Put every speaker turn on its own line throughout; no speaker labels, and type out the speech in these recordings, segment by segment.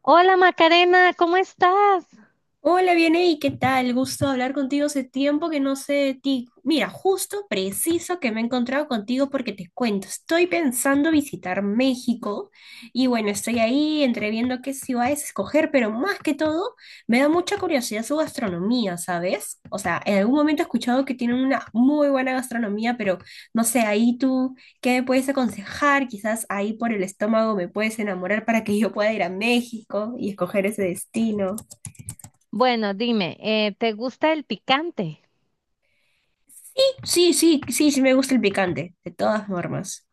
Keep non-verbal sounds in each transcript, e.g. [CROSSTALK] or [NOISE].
Hola Macarena, ¿cómo estás?
Hola, viene, ¿y qué tal? Gusto hablar contigo, hace tiempo que no sé de ti. Mira, justo preciso que me he encontrado contigo porque te cuento, estoy pensando visitar México y bueno, estoy ahí entre viendo qué ciudades escoger, pero más que todo me da mucha curiosidad su gastronomía, ¿sabes? O sea, en algún momento he escuchado que tienen una muy buena gastronomía, pero no sé, ahí tú, ¿qué me puedes aconsejar? Quizás ahí por el estómago me puedes enamorar para que yo pueda ir a México y escoger ese destino.
Bueno, dime, ¿te gusta el picante?
Sí, sí, sí, sí me gusta el picante, de todas formas.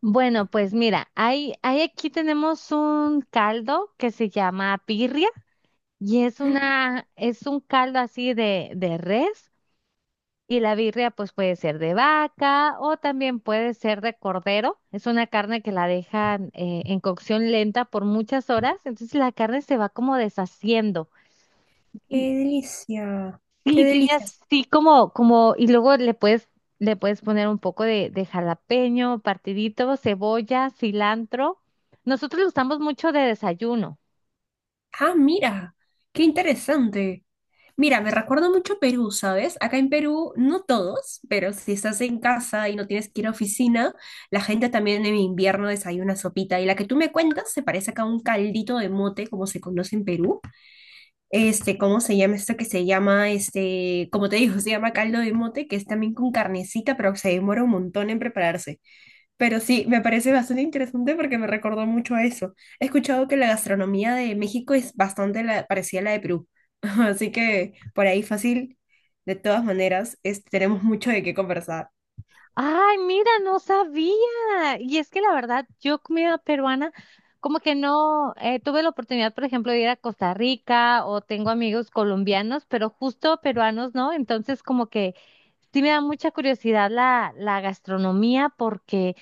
Bueno, pues mira, hay aquí tenemos un caldo que se llama birria y es un caldo así de res y la birria pues puede ser de vaca o también puede ser de cordero. Es una carne que la dejan en cocción lenta por muchas horas, entonces la carne se va como deshaciendo.
Qué delicia, qué
Sí, tiene
delicia.
así y luego le puedes poner un poco de jalapeño, partidito, cebolla, cilantro. Nosotros lo usamos mucho de desayuno.
Ah, mira, qué interesante. Mira, me recuerda mucho a Perú, ¿sabes? Acá en Perú, no todos, pero si estás en casa y no tienes que ir a oficina, la gente también en invierno desayuna sopita. Y la que tú me cuentas se parece acá a un caldito de mote, como se conoce en Perú. Este, ¿cómo se llama esto que se llama? Este, como te digo, [LAUGHS] se llama caldo de mote, que es también con carnecita, pero se demora un montón en prepararse. Pero sí, me parece bastante interesante porque me recordó mucho a eso. He escuchado que la gastronomía de México es bastante parecida a la de Perú. [LAUGHS] Así que por ahí fácil, de todas maneras, tenemos mucho de qué conversar.
Ay, mira, no sabía. Y es que la verdad, yo comida peruana, como que no, tuve la oportunidad, por ejemplo, de ir a Costa Rica o tengo amigos colombianos, pero justo peruanos, ¿no? Entonces, como que sí me da mucha curiosidad la gastronomía porque...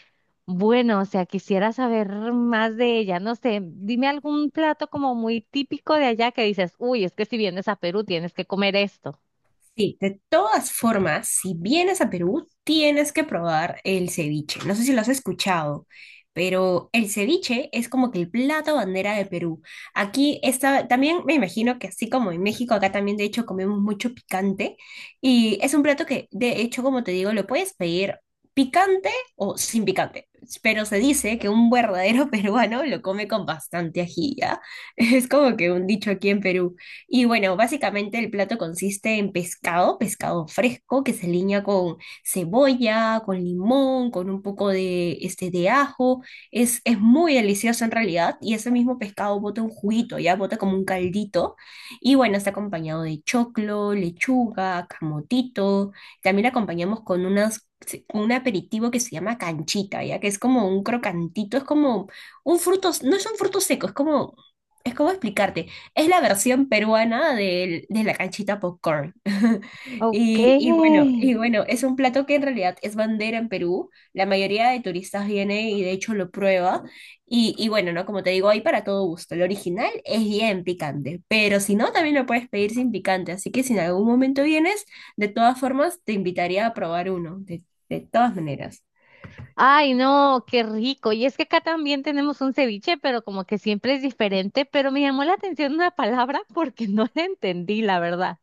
Bueno, o sea, quisiera saber más de ella. No sé, dime algún plato como muy típico de allá que dices, uy, es que si vienes a Perú tienes que comer esto.
Sí, de todas formas, si vienes a Perú, tienes que probar el ceviche. No sé si lo has escuchado, pero el ceviche es como que el plato bandera de Perú. Aquí está, también me imagino que así como en México, acá también de hecho comemos mucho picante y es un plato que de hecho, como te digo, lo puedes pedir picante o sin picante, pero se dice que un verdadero [LAUGHS] peruano lo come con bastante ají, ¿ya? [LAUGHS] Es como que un dicho aquí en Perú. Y bueno, básicamente el plato consiste en pescado, pescado fresco que se aliña con cebolla, con limón, con un poco de, este, de ajo. Es muy delicioso en realidad y ese mismo pescado bota un juguito, ya bota como un caldito. Y bueno, está acompañado de choclo, lechuga, camotito. También acompañamos con unas sí, con un aperitivo que se llama canchita, ya que es como un crocantito, es como un fruto, no es un fruto seco, es como explicarte. Es la versión peruana de la canchita popcorn. [LAUGHS]
Ok.
Y bueno, es un plato que en realidad es bandera en Perú. La mayoría de turistas viene y de hecho lo prueba. Y bueno, ¿no? Como te digo, hay para todo gusto. El original es bien picante, pero si no, también lo puedes pedir sin picante. Así que si en algún momento vienes, de todas formas, te invitaría a probar uno, de todas maneras.
Ay, no, qué rico. Y es que acá también tenemos un ceviche, pero como que siempre es diferente. Pero me llamó la atención una palabra [LAUGHS] porque no la entendí, la verdad.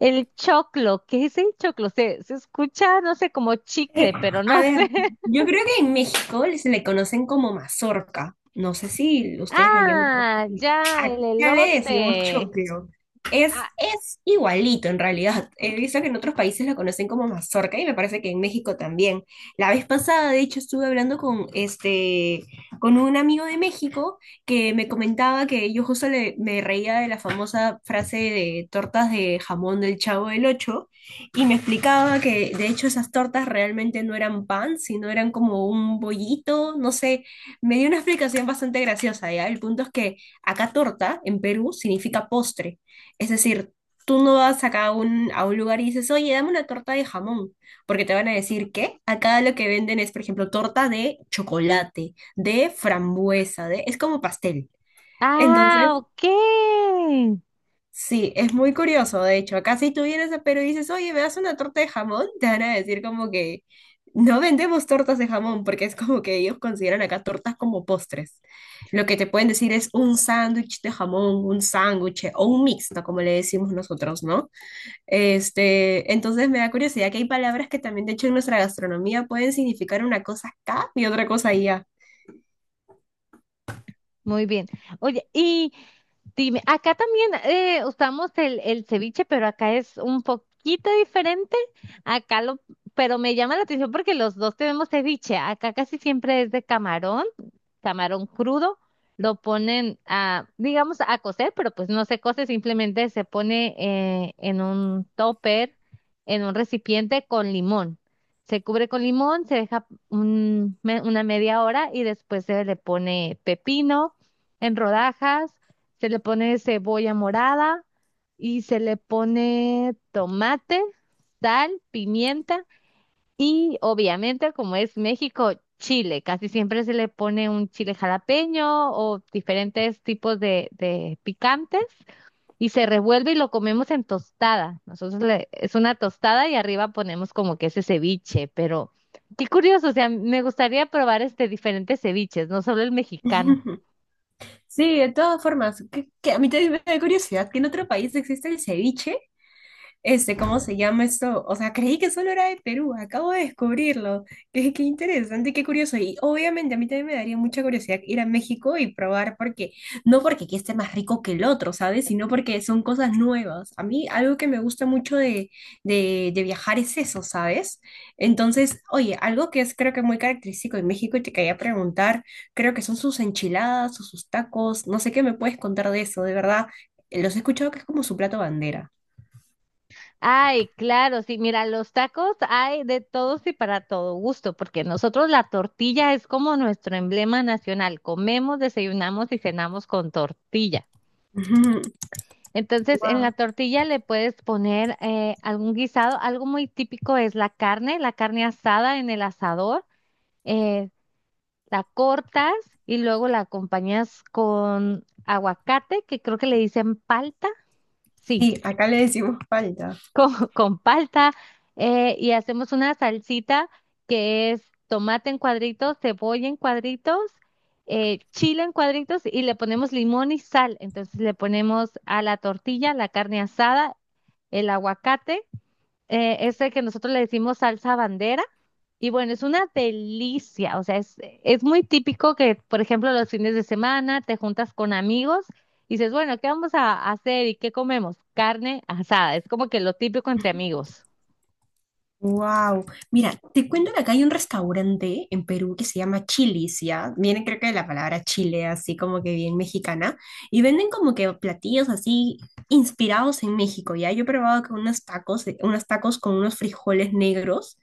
El choclo, ¿qué es el choclo? Se escucha, no sé, como chicle, pero
[LAUGHS] A
no sé.
ver,
[LAUGHS]
yo creo que en México se le conocen como mazorca. No sé si ustedes lo llaman
Ah,
así.
ya, el
Acá le decimos
elote.
choclo. Es igualito en realidad. He visto que en otros países lo conocen como mazorca y me parece que en México también. La vez pasada, de hecho, estuve hablando con, este, con un amigo de México que me comentaba que yo justo me reía de la famosa frase de tortas de jamón del Chavo del Ocho y me explicaba que de hecho esas tortas realmente no eran pan, sino eran como un bollito, no sé, me dio una explicación bastante graciosa, ¿ya? El punto es que acá torta en Perú significa postre, es decir, tú no vas acá a un lugar y dices, oye, dame una torta de jamón, porque te van a decir que acá lo que venden es, por ejemplo, torta de chocolate, de frambuesa, de es como pastel. Entonces,
Ah, ok.
sí, es muy curioso, de hecho. Acá si tú vienes a Perú y dices, oye, ¿me das una torta de jamón? Te van a decir como que no vendemos tortas de jamón, porque es como que ellos consideran acá tortas como postres. Lo que te pueden decir es un sándwich de jamón, un sándwich o un mixto, como le decimos nosotros, ¿no? Este, entonces me da curiosidad que hay palabras que también, de hecho, en nuestra gastronomía pueden significar una cosa acá y otra cosa allá.
Muy bien. Oye, y dime, acá también usamos el ceviche, pero acá es un poquito diferente. Acá lo, pero me llama la atención porque los dos tenemos ceviche. Acá casi siempre es de camarón, camarón crudo. Lo ponen a, digamos, a cocer, pero pues no se cose, simplemente se pone en un topper, en un recipiente con limón. Se cubre con limón, se deja una media hora y después se le pone pepino en rodajas, se le pone cebolla morada y se le pone tomate, sal, pimienta y obviamente, como es México, chile. Casi siempre se le pone un chile jalapeño o diferentes tipos de picantes y se revuelve y lo comemos en tostada. Nosotros le- es una tostada y arriba ponemos como que ese ceviche, pero qué curioso, o sea, me gustaría probar este diferentes ceviches, no solo el mexicano.
[LAUGHS] Sí, de todas formas, que a mí también me da curiosidad que en otro país existe el ceviche este, ¿cómo se llama esto? O sea, creí que solo era de Perú, acabo de descubrirlo. Qué, qué interesante, qué curioso. Y obviamente a mí también me daría mucha curiosidad ir a México y probar, porque no porque aquí esté más rico que el otro, ¿sabes? Sino porque son cosas nuevas. A mí algo que me gusta mucho de viajar es eso, ¿sabes? Entonces, oye, algo que es creo que muy característico de México y te quería preguntar, creo que son sus enchiladas o sus tacos, no sé qué me puedes contar de eso, de verdad. Los he escuchado que es como su plato bandera.
Ay, claro, sí, mira, los tacos hay de todos y para todo gusto, porque nosotros la tortilla es como nuestro emblema nacional. Comemos, desayunamos y cenamos con tortilla.
[LAUGHS]
Entonces, en la
Wow.
tortilla le puedes poner algún guisado. Algo muy típico es la carne asada en el asador. eh, la cortas y luego la acompañas con aguacate, que creo que le dicen palta. Sí,
Sí, acá le decimos palta.
[LAUGHS] con palta y hacemos una salsita que es tomate en cuadritos, cebolla en cuadritos, chile en cuadritos y le ponemos limón y sal. Entonces le ponemos a la tortilla la carne asada, el aguacate, este que nosotros le decimos salsa bandera. Y bueno, es una delicia, o sea, es muy típico que, por ejemplo, los fines de semana te juntas con amigos y dices, bueno, ¿qué vamos a hacer y qué comemos? Carne asada, es como que lo típico entre amigos.
Wow. Mira, te cuento que acá hay un restaurante en Perú que se llama Chili's, ¿ya? Viene creo que de la palabra chile, así como que bien mexicana. Y venden como que platillos así inspirados en México, ¿ya? Yo he probado con unos tacos, unos tacos con unos frijoles negros.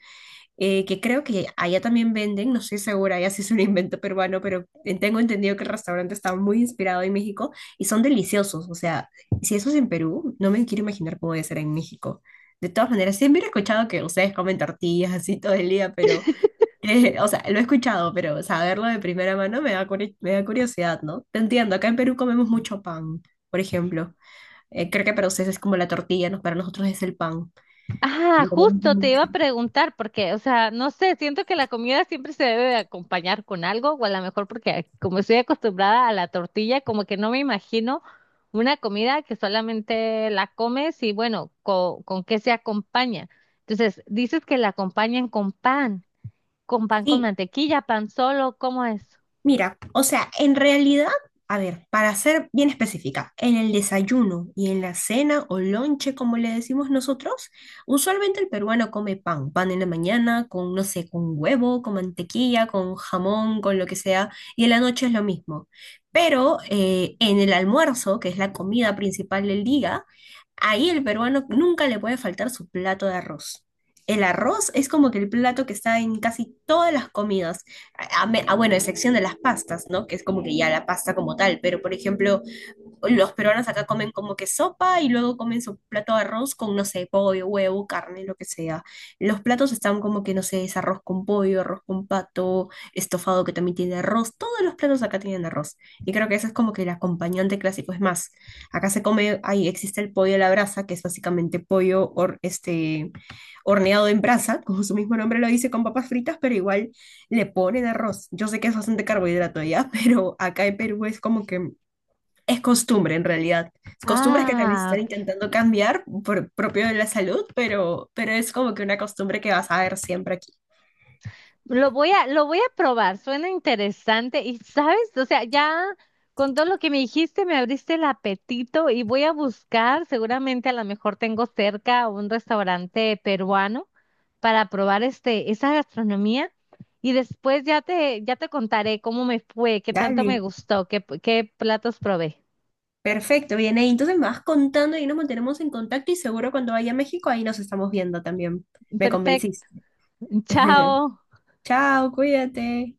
Que creo que allá también venden, no estoy segura, allá sí es un invento peruano, pero tengo entendido que el restaurante está muy inspirado en México y son deliciosos. O sea, si eso es en Perú, no me quiero imaginar cómo debe ser en México. De todas maneras, siempre he escuchado que ustedes comen tortillas así todo el día, pero, [LAUGHS] o sea, lo he escuchado, pero saberlo de primera mano me da, me da curiosidad, ¿no? Te entiendo, acá en Perú comemos mucho pan, por ejemplo. Creo que para ustedes es como la tortilla, ¿no? Para nosotros es el pan.
Ah,
Lo comemos
justo te iba
mucho.
a preguntar, porque, o sea, no sé, siento que la comida siempre se debe de acompañar con algo, o a lo mejor porque como estoy acostumbrada a la tortilla, como que no me imagino una comida que solamente la comes y bueno, co- ¿con qué se acompaña? Entonces, dices que la acompañan con pan, con pan con
Sí,
mantequilla, pan solo, ¿cómo es?
mira, o sea, en realidad, a ver, para ser bien específica, en el desayuno y en la cena o lonche, como le decimos nosotros, usualmente el peruano come pan, pan en la mañana con, no sé, con huevo, con mantequilla, con jamón, con lo que sea, y en la noche es lo mismo. Pero en el almuerzo, que es la comida principal del día, ahí el peruano nunca le puede faltar su plato de arroz. El arroz es como que el plato que está en casi todas las comidas bueno, a excepción de las pastas, ¿no? Que es como que ya la pasta como tal, pero por ejemplo, los peruanos acá comen como que sopa y luego comen su plato de arroz con, no sé, pollo, huevo, carne, lo que sea. Los platos están como que, no sé, es arroz con pollo, arroz con pato, estofado que también tiene arroz. Todos los platos acá tienen arroz. Y creo que eso es como que el acompañante clásico. Es más, acá se come, ahí existe el pollo a la brasa, que es básicamente pollo este, horneado en brasa, [LAUGHS] como su mismo nombre lo dice, con papas fritas, pero igual le ponen arroz. Yo sé que es bastante carbohidrato ya, [LAUGHS] pero acá en Perú es como que es costumbre en realidad. Costumbres que también se
Ah,
están intentando cambiar por propio de la salud, pero es como que una costumbre que vas a ver siempre aquí.
lo voy a, lo voy a probar, suena interesante y sabes, o sea, ya con todo lo que me dijiste me abriste el apetito y voy a buscar, seguramente a lo mejor tengo cerca un restaurante peruano para probar este, esa gastronomía y después ya ya te contaré cómo me fue, qué tanto me
Dale.
gustó, qué platos probé.
Perfecto, bien ahí. Entonces me vas contando y nos mantenemos en contacto y seguro cuando vaya a México ahí nos estamos viendo también. Me
Perfecto,
convenciste.
[LAUGHS]
[LAUGHS]
chao.
Chao, cuídate.